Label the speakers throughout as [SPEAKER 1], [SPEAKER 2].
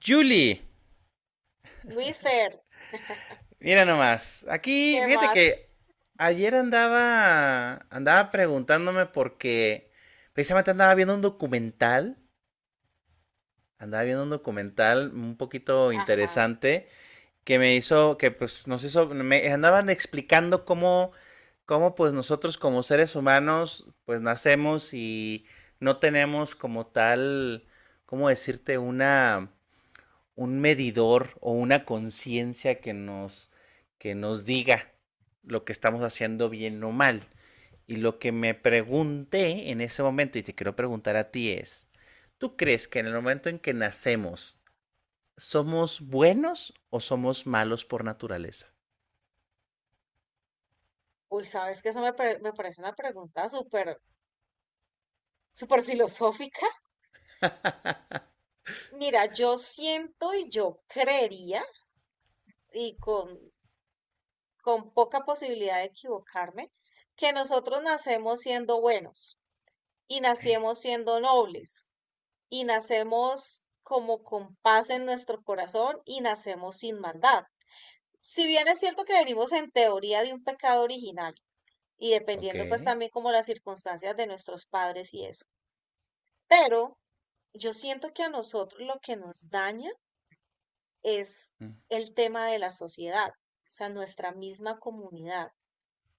[SPEAKER 1] Julie,
[SPEAKER 2] Luis Fer,
[SPEAKER 1] mira nomás. Aquí,
[SPEAKER 2] ¿qué
[SPEAKER 1] fíjate que
[SPEAKER 2] más?
[SPEAKER 1] ayer andaba preguntándome porque precisamente andaba viendo un documental, andaba viendo un documental un poquito
[SPEAKER 2] Ajá.
[SPEAKER 1] interesante que pues nos hizo, me andaban explicando cómo pues nosotros como seres humanos pues nacemos y no tenemos como tal, ¿cómo decirte? Una un medidor o una conciencia que nos diga lo que estamos haciendo bien o mal. Y lo que me pregunté en ese momento, y te quiero preguntar a ti, es, ¿tú crees que en el momento en que nacemos somos buenos o somos malos por naturaleza?
[SPEAKER 2] Uy, sabes que eso me, me parece una pregunta súper, súper filosófica. Mira, yo siento y yo creería, y con, con poca posibilidad de equivocarme, que nosotros nacemos siendo buenos y nacemos siendo nobles y nacemos como con paz en nuestro corazón y nacemos sin maldad. Si bien es cierto que venimos en teoría de un pecado original, y
[SPEAKER 1] Ok.
[SPEAKER 2] dependiendo pues también como las circunstancias de nuestros padres y eso. Pero yo siento que a nosotros lo que nos daña es el tema de la sociedad, o sea, nuestra misma comunidad,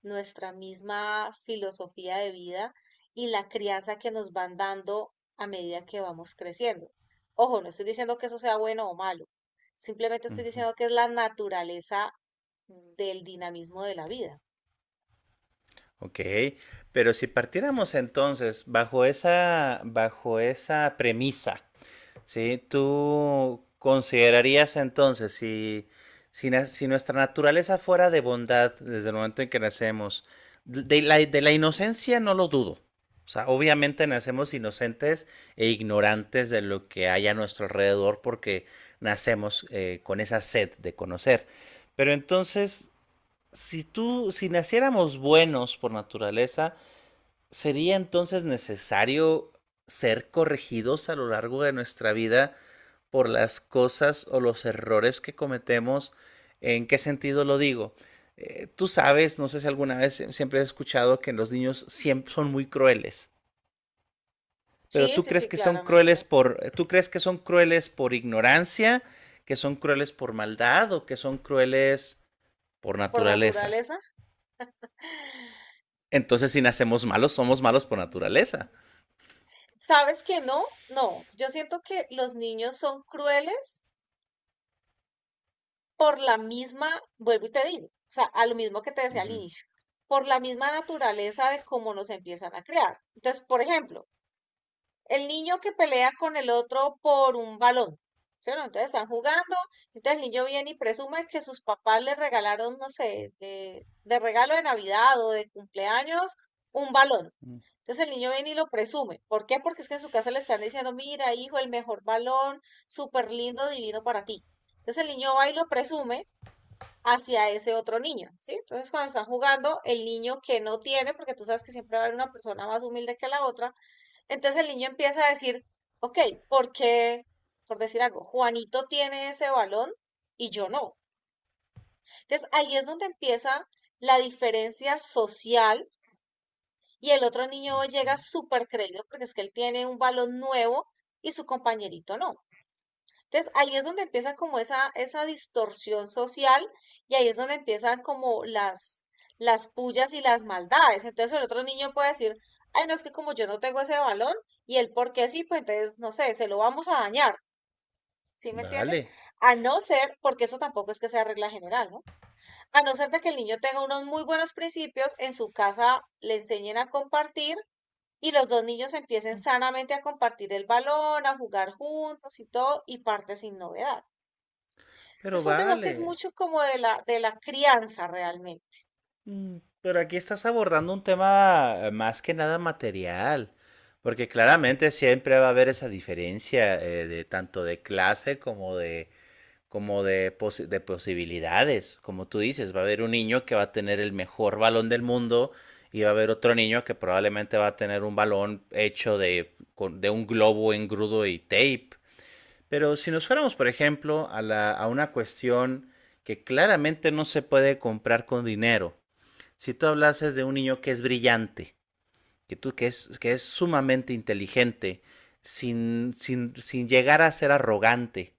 [SPEAKER 2] nuestra misma filosofía de vida y la crianza que nos van dando a medida que vamos creciendo. Ojo, no estoy diciendo que eso sea bueno o malo, simplemente estoy
[SPEAKER 1] Uh-huh.
[SPEAKER 2] diciendo que es la naturaleza del dinamismo de la vida.
[SPEAKER 1] Ok, pero si partiéramos entonces bajo esa premisa. Sí, ¿tú considerarías entonces si nuestra naturaleza fuera de bondad desde el momento en que nacemos, de la inocencia no lo dudo. O sea, obviamente nacemos inocentes e ignorantes de lo que hay a nuestro alrededor porque nacemos con esa sed de conocer. Pero entonces, si tú, si naciéramos buenos por naturaleza, ¿sería entonces necesario ser corregidos a lo largo de nuestra vida, por las cosas o los errores que cometemos? ¿En qué sentido lo digo? Tú sabes, no sé si alguna vez siempre has escuchado que los niños siempre son muy crueles, pero
[SPEAKER 2] Sí,
[SPEAKER 1] tú
[SPEAKER 2] sí,
[SPEAKER 1] crees
[SPEAKER 2] sí,
[SPEAKER 1] que son crueles
[SPEAKER 2] claramente.
[SPEAKER 1] por, tú crees que son crueles por ignorancia, que son crueles por maldad o que son crueles por
[SPEAKER 2] Por
[SPEAKER 1] naturaleza.
[SPEAKER 2] naturaleza.
[SPEAKER 1] Entonces, si nacemos malos, somos malos por
[SPEAKER 2] Mm,
[SPEAKER 1] naturaleza.
[SPEAKER 2] ¿sabes que no? No, yo siento que los niños son crueles por la misma, vuelvo y te digo, o sea, a lo mismo que te decía al
[SPEAKER 1] Ujú.
[SPEAKER 2] inicio, por la misma naturaleza de cómo nos empiezan a crear. Entonces, por ejemplo, el niño que pelea con el otro por un balón, ¿cierto? Entonces están jugando, entonces el niño viene y presume que sus papás le regalaron, no sé, de regalo de Navidad o de cumpleaños, un balón. Entonces el niño viene y lo presume. ¿Por qué? Porque es que en su casa le están diciendo, mira, hijo, el mejor balón, súper lindo, divino para ti. Entonces el niño va y lo presume hacia ese otro niño, ¿sí? Entonces cuando están jugando, el niño que no tiene, porque tú sabes que siempre va a haber una persona más humilde que la otra, entonces el niño empieza a decir, ok, ¿por qué, por decir algo, Juanito tiene ese balón y yo no? Entonces ahí es donde empieza la diferencia social y el otro niño llega súper creído porque es que él tiene un balón nuevo y su compañerito no. Entonces, ahí es donde empieza como esa distorsión social y ahí es donde empiezan como las pullas y las maldades. Entonces, el otro niño puede decir, ay, no es que como yo no tengo ese balón y él porque sí, pues entonces, no sé, se lo vamos a dañar. ¿Sí me
[SPEAKER 1] Vale,
[SPEAKER 2] entiendes? A no ser, porque eso tampoco es que sea regla general, ¿no? A no ser de que el niño tenga unos muy buenos principios, en su casa le enseñen a compartir y los dos niños empiecen sanamente a compartir el balón, a jugar juntos y todo, y parte sin novedad.
[SPEAKER 1] pero
[SPEAKER 2] Entonces, pues digo que es
[SPEAKER 1] vale.
[SPEAKER 2] mucho como de la crianza realmente.
[SPEAKER 1] Mm, pero aquí estás abordando un tema más que nada material, porque claramente siempre va a haber esa diferencia de tanto de clase como de como de de posibilidades. Como tú dices, va a haber un niño que va a tener el mejor balón del mundo y va a haber otro niño que probablemente va a tener un balón hecho de un globo engrudo y tape. Pero si nos fuéramos, por ejemplo, a una cuestión que claramente no se puede comprar con dinero, si tú hablases de un niño que es brillante, que es sumamente inteligente, sin llegar a ser arrogante,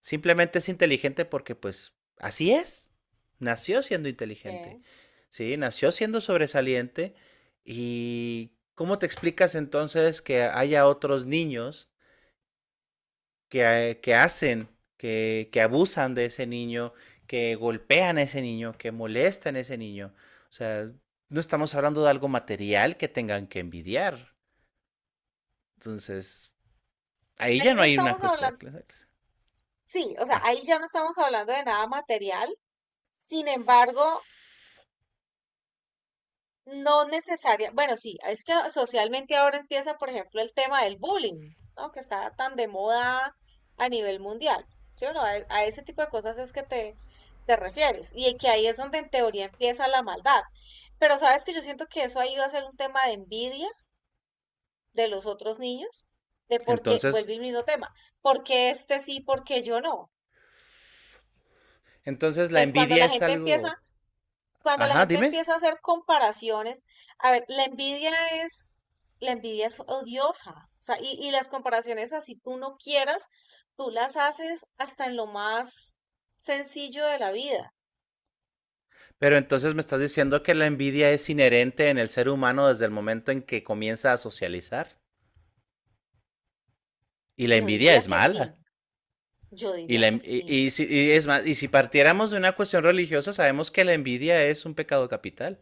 [SPEAKER 1] simplemente es inteligente porque pues así es, nació siendo inteligente,
[SPEAKER 2] Ok.
[SPEAKER 1] ¿sí? Nació siendo sobresaliente, y ¿cómo te explicas entonces que haya otros niños que, que hacen, que abusan de ese niño, que golpean a ese niño, que molestan a ese niño? O sea, no estamos hablando de algo material que tengan que envidiar. Entonces, ahí ya
[SPEAKER 2] Ahí
[SPEAKER 1] no
[SPEAKER 2] no
[SPEAKER 1] hay una
[SPEAKER 2] estamos
[SPEAKER 1] cuestión de
[SPEAKER 2] hablando,
[SPEAKER 1] clase.
[SPEAKER 2] sí, o sea,
[SPEAKER 1] Ah,
[SPEAKER 2] ahí ya no estamos hablando de nada material, sin embargo, no necesaria, bueno, sí, es que socialmente ahora empieza, por ejemplo, el tema del bullying, ¿no? Que está tan de moda a nivel mundial, ¿sí o no? A ese tipo de cosas es que te refieres, y que ahí es donde en teoría empieza la maldad, pero sabes que yo siento que eso ahí va a ser un tema de envidia de los otros niños, de por qué,
[SPEAKER 1] entonces,
[SPEAKER 2] vuelve el mismo tema, por qué este sí, por qué yo no.
[SPEAKER 1] entonces la
[SPEAKER 2] Entonces,
[SPEAKER 1] envidia es algo.
[SPEAKER 2] cuando la
[SPEAKER 1] Ajá,
[SPEAKER 2] gente
[SPEAKER 1] dime.
[SPEAKER 2] empieza a hacer comparaciones, a ver, es, la envidia es odiosa, o sea, y las comparaciones así tú no quieras, tú las haces hasta en lo más sencillo de la vida.
[SPEAKER 1] Pero entonces me estás diciendo que la envidia es inherente en el ser humano desde el momento en que comienza a socializar. Y la
[SPEAKER 2] Yo
[SPEAKER 1] envidia
[SPEAKER 2] diría
[SPEAKER 1] es
[SPEAKER 2] que sí,
[SPEAKER 1] mala.
[SPEAKER 2] yo diría que sí,
[SPEAKER 1] Y es más, y si partiéramos de una cuestión religiosa, sabemos que la envidia es un pecado capital.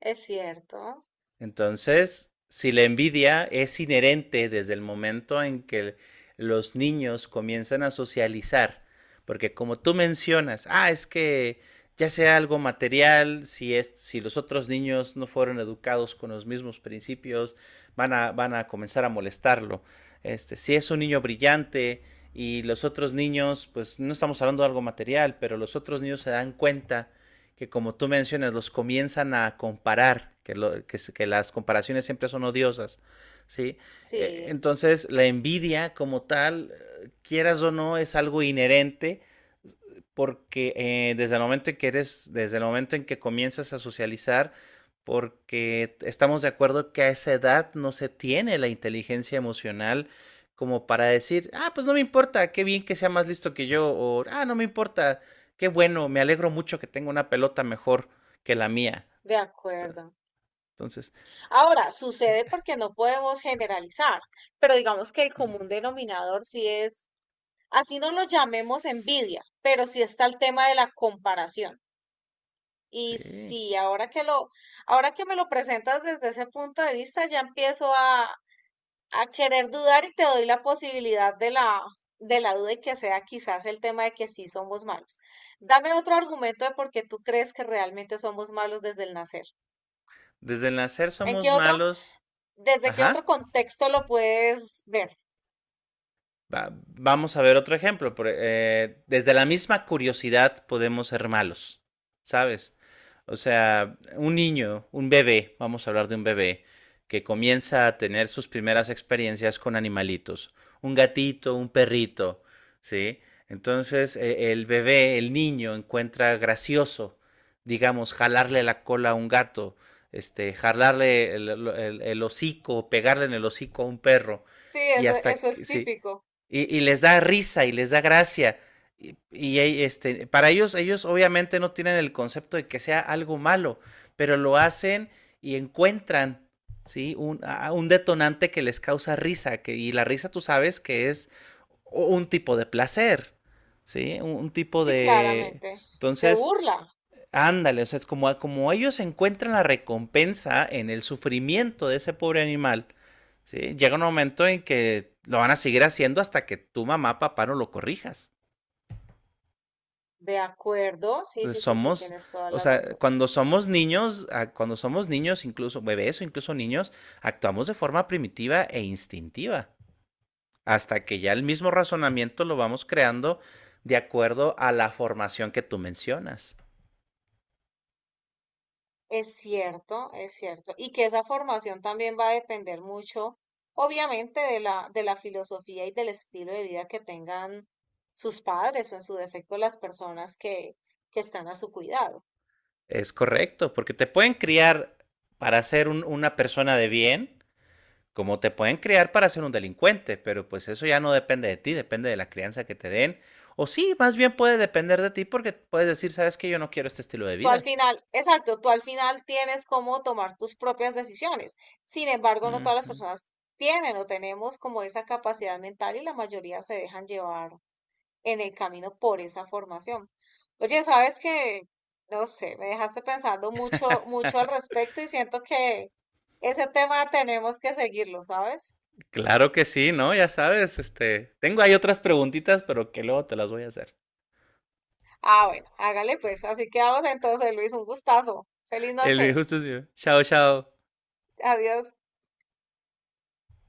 [SPEAKER 2] es cierto,
[SPEAKER 1] Entonces, si la envidia es inherente desde el momento en que los niños comienzan a socializar, porque como tú mencionas, ah, es que ya sea algo material, si los otros niños no fueron educados con los mismos principios, van a comenzar a molestarlo. Este, si es un niño brillante y los otros niños, pues no estamos hablando de algo material, pero los otros niños se dan cuenta que, como tú mencionas, los comienzan a comparar, que las comparaciones siempre son odiosas, ¿sí?
[SPEAKER 2] sí,
[SPEAKER 1] Entonces, la envidia como tal, quieras o no, es algo inherente porque desde el momento en que eres, desde el momento en que comienzas a socializar, porque estamos de acuerdo que a esa edad no se tiene la inteligencia emocional como para decir, ah, pues no me importa, qué bien que sea más listo que yo, o ah, no me importa, qué bueno, me alegro mucho que tenga una pelota mejor que la mía.
[SPEAKER 2] de
[SPEAKER 1] Está-
[SPEAKER 2] acuerdo.
[SPEAKER 1] entonces,
[SPEAKER 2] Ahora, sucede porque no podemos generalizar, pero digamos que el común denominador sí es, así no lo llamemos envidia, pero sí está el tema de la comparación. Y
[SPEAKER 1] sí,
[SPEAKER 2] sí, ahora que me lo presentas desde ese punto de vista, ya empiezo a querer dudar y te doy la posibilidad de de la duda y que sea quizás el tema de que sí somos malos. Dame otro argumento de por qué tú crees que realmente somos malos desde el nacer.
[SPEAKER 1] desde el nacer
[SPEAKER 2] ¿En
[SPEAKER 1] somos
[SPEAKER 2] qué otro?
[SPEAKER 1] malos,
[SPEAKER 2] ¿Desde qué otro
[SPEAKER 1] ajá.
[SPEAKER 2] contexto lo puedes ver?
[SPEAKER 1] Vamos a ver otro ejemplo. Desde la misma curiosidad podemos ser malos, ¿sabes? O sea, un niño, un bebé, vamos a hablar de un bebé, que comienza a tener sus primeras experiencias con animalitos, un gatito, un perrito, ¿sí? Entonces, el bebé, el niño, encuentra gracioso, digamos, jalarle la cola a un gato, este, jalarle el, el hocico, pegarle en el hocico a un perro,
[SPEAKER 2] Sí,
[SPEAKER 1] y
[SPEAKER 2] eso,
[SPEAKER 1] hasta,
[SPEAKER 2] eso es
[SPEAKER 1] sí,
[SPEAKER 2] típico.
[SPEAKER 1] y les da risa y les da gracia. Y este, para ellos, ellos obviamente no tienen el concepto de que sea algo malo, pero lo hacen y encuentran, ¿sí? Un, un detonante que les causa risa, que, y la risa tú sabes que es un tipo de placer, ¿sí? Un tipo
[SPEAKER 2] Sí,
[SPEAKER 1] de...
[SPEAKER 2] claramente. De
[SPEAKER 1] Entonces,
[SPEAKER 2] burla.
[SPEAKER 1] ándale, o sea, es como, ah, como ellos encuentran la recompensa en el sufrimiento de ese pobre animal, ¿sí? Llega un momento en que lo van a seguir haciendo hasta que tu mamá, papá no lo corrijas.
[SPEAKER 2] De acuerdo. Sí,
[SPEAKER 1] Entonces
[SPEAKER 2] sí, sí, sí,
[SPEAKER 1] somos,
[SPEAKER 2] tienes toda
[SPEAKER 1] o
[SPEAKER 2] la
[SPEAKER 1] sea,
[SPEAKER 2] razón.
[SPEAKER 1] cuando somos niños, cuando somos niños, incluso bebés o incluso niños, actuamos de forma primitiva e instintiva, hasta que ya el mismo razonamiento lo vamos creando de acuerdo a la formación que tú mencionas.
[SPEAKER 2] Es cierto, es cierto. Y que esa formación también va a depender mucho, obviamente, de de la filosofía y del estilo de vida que tengan sus padres o en su defecto las personas que están a su cuidado.
[SPEAKER 1] Es correcto, porque te pueden criar para ser una persona de bien, como te pueden criar para ser un delincuente, pero pues eso ya no depende de ti, depende de la crianza que te den. O sí, más bien puede depender de ti porque puedes decir, sabes que yo no quiero este estilo de
[SPEAKER 2] Tú al
[SPEAKER 1] vida.
[SPEAKER 2] final, exacto, tú al final tienes cómo tomar tus propias decisiones. Sin embargo, no todas las
[SPEAKER 1] Ujú.
[SPEAKER 2] personas tienen o tenemos como esa capacidad mental y la mayoría se dejan llevar en el camino por esa formación. Oye, sabes que, no sé, me dejaste pensando mucho, mucho al respecto y siento que ese tema tenemos que seguirlo, ¿sabes?
[SPEAKER 1] Claro que sí, ¿no? Ya sabes, este, tengo ahí otras preguntitas, pero que luego te las voy a hacer.
[SPEAKER 2] Ah, bueno, hágale pues. Así quedamos entonces, Luis, un gustazo. Feliz
[SPEAKER 1] El viejo
[SPEAKER 2] noche.
[SPEAKER 1] sucio. Chao, chao.
[SPEAKER 2] Adiós.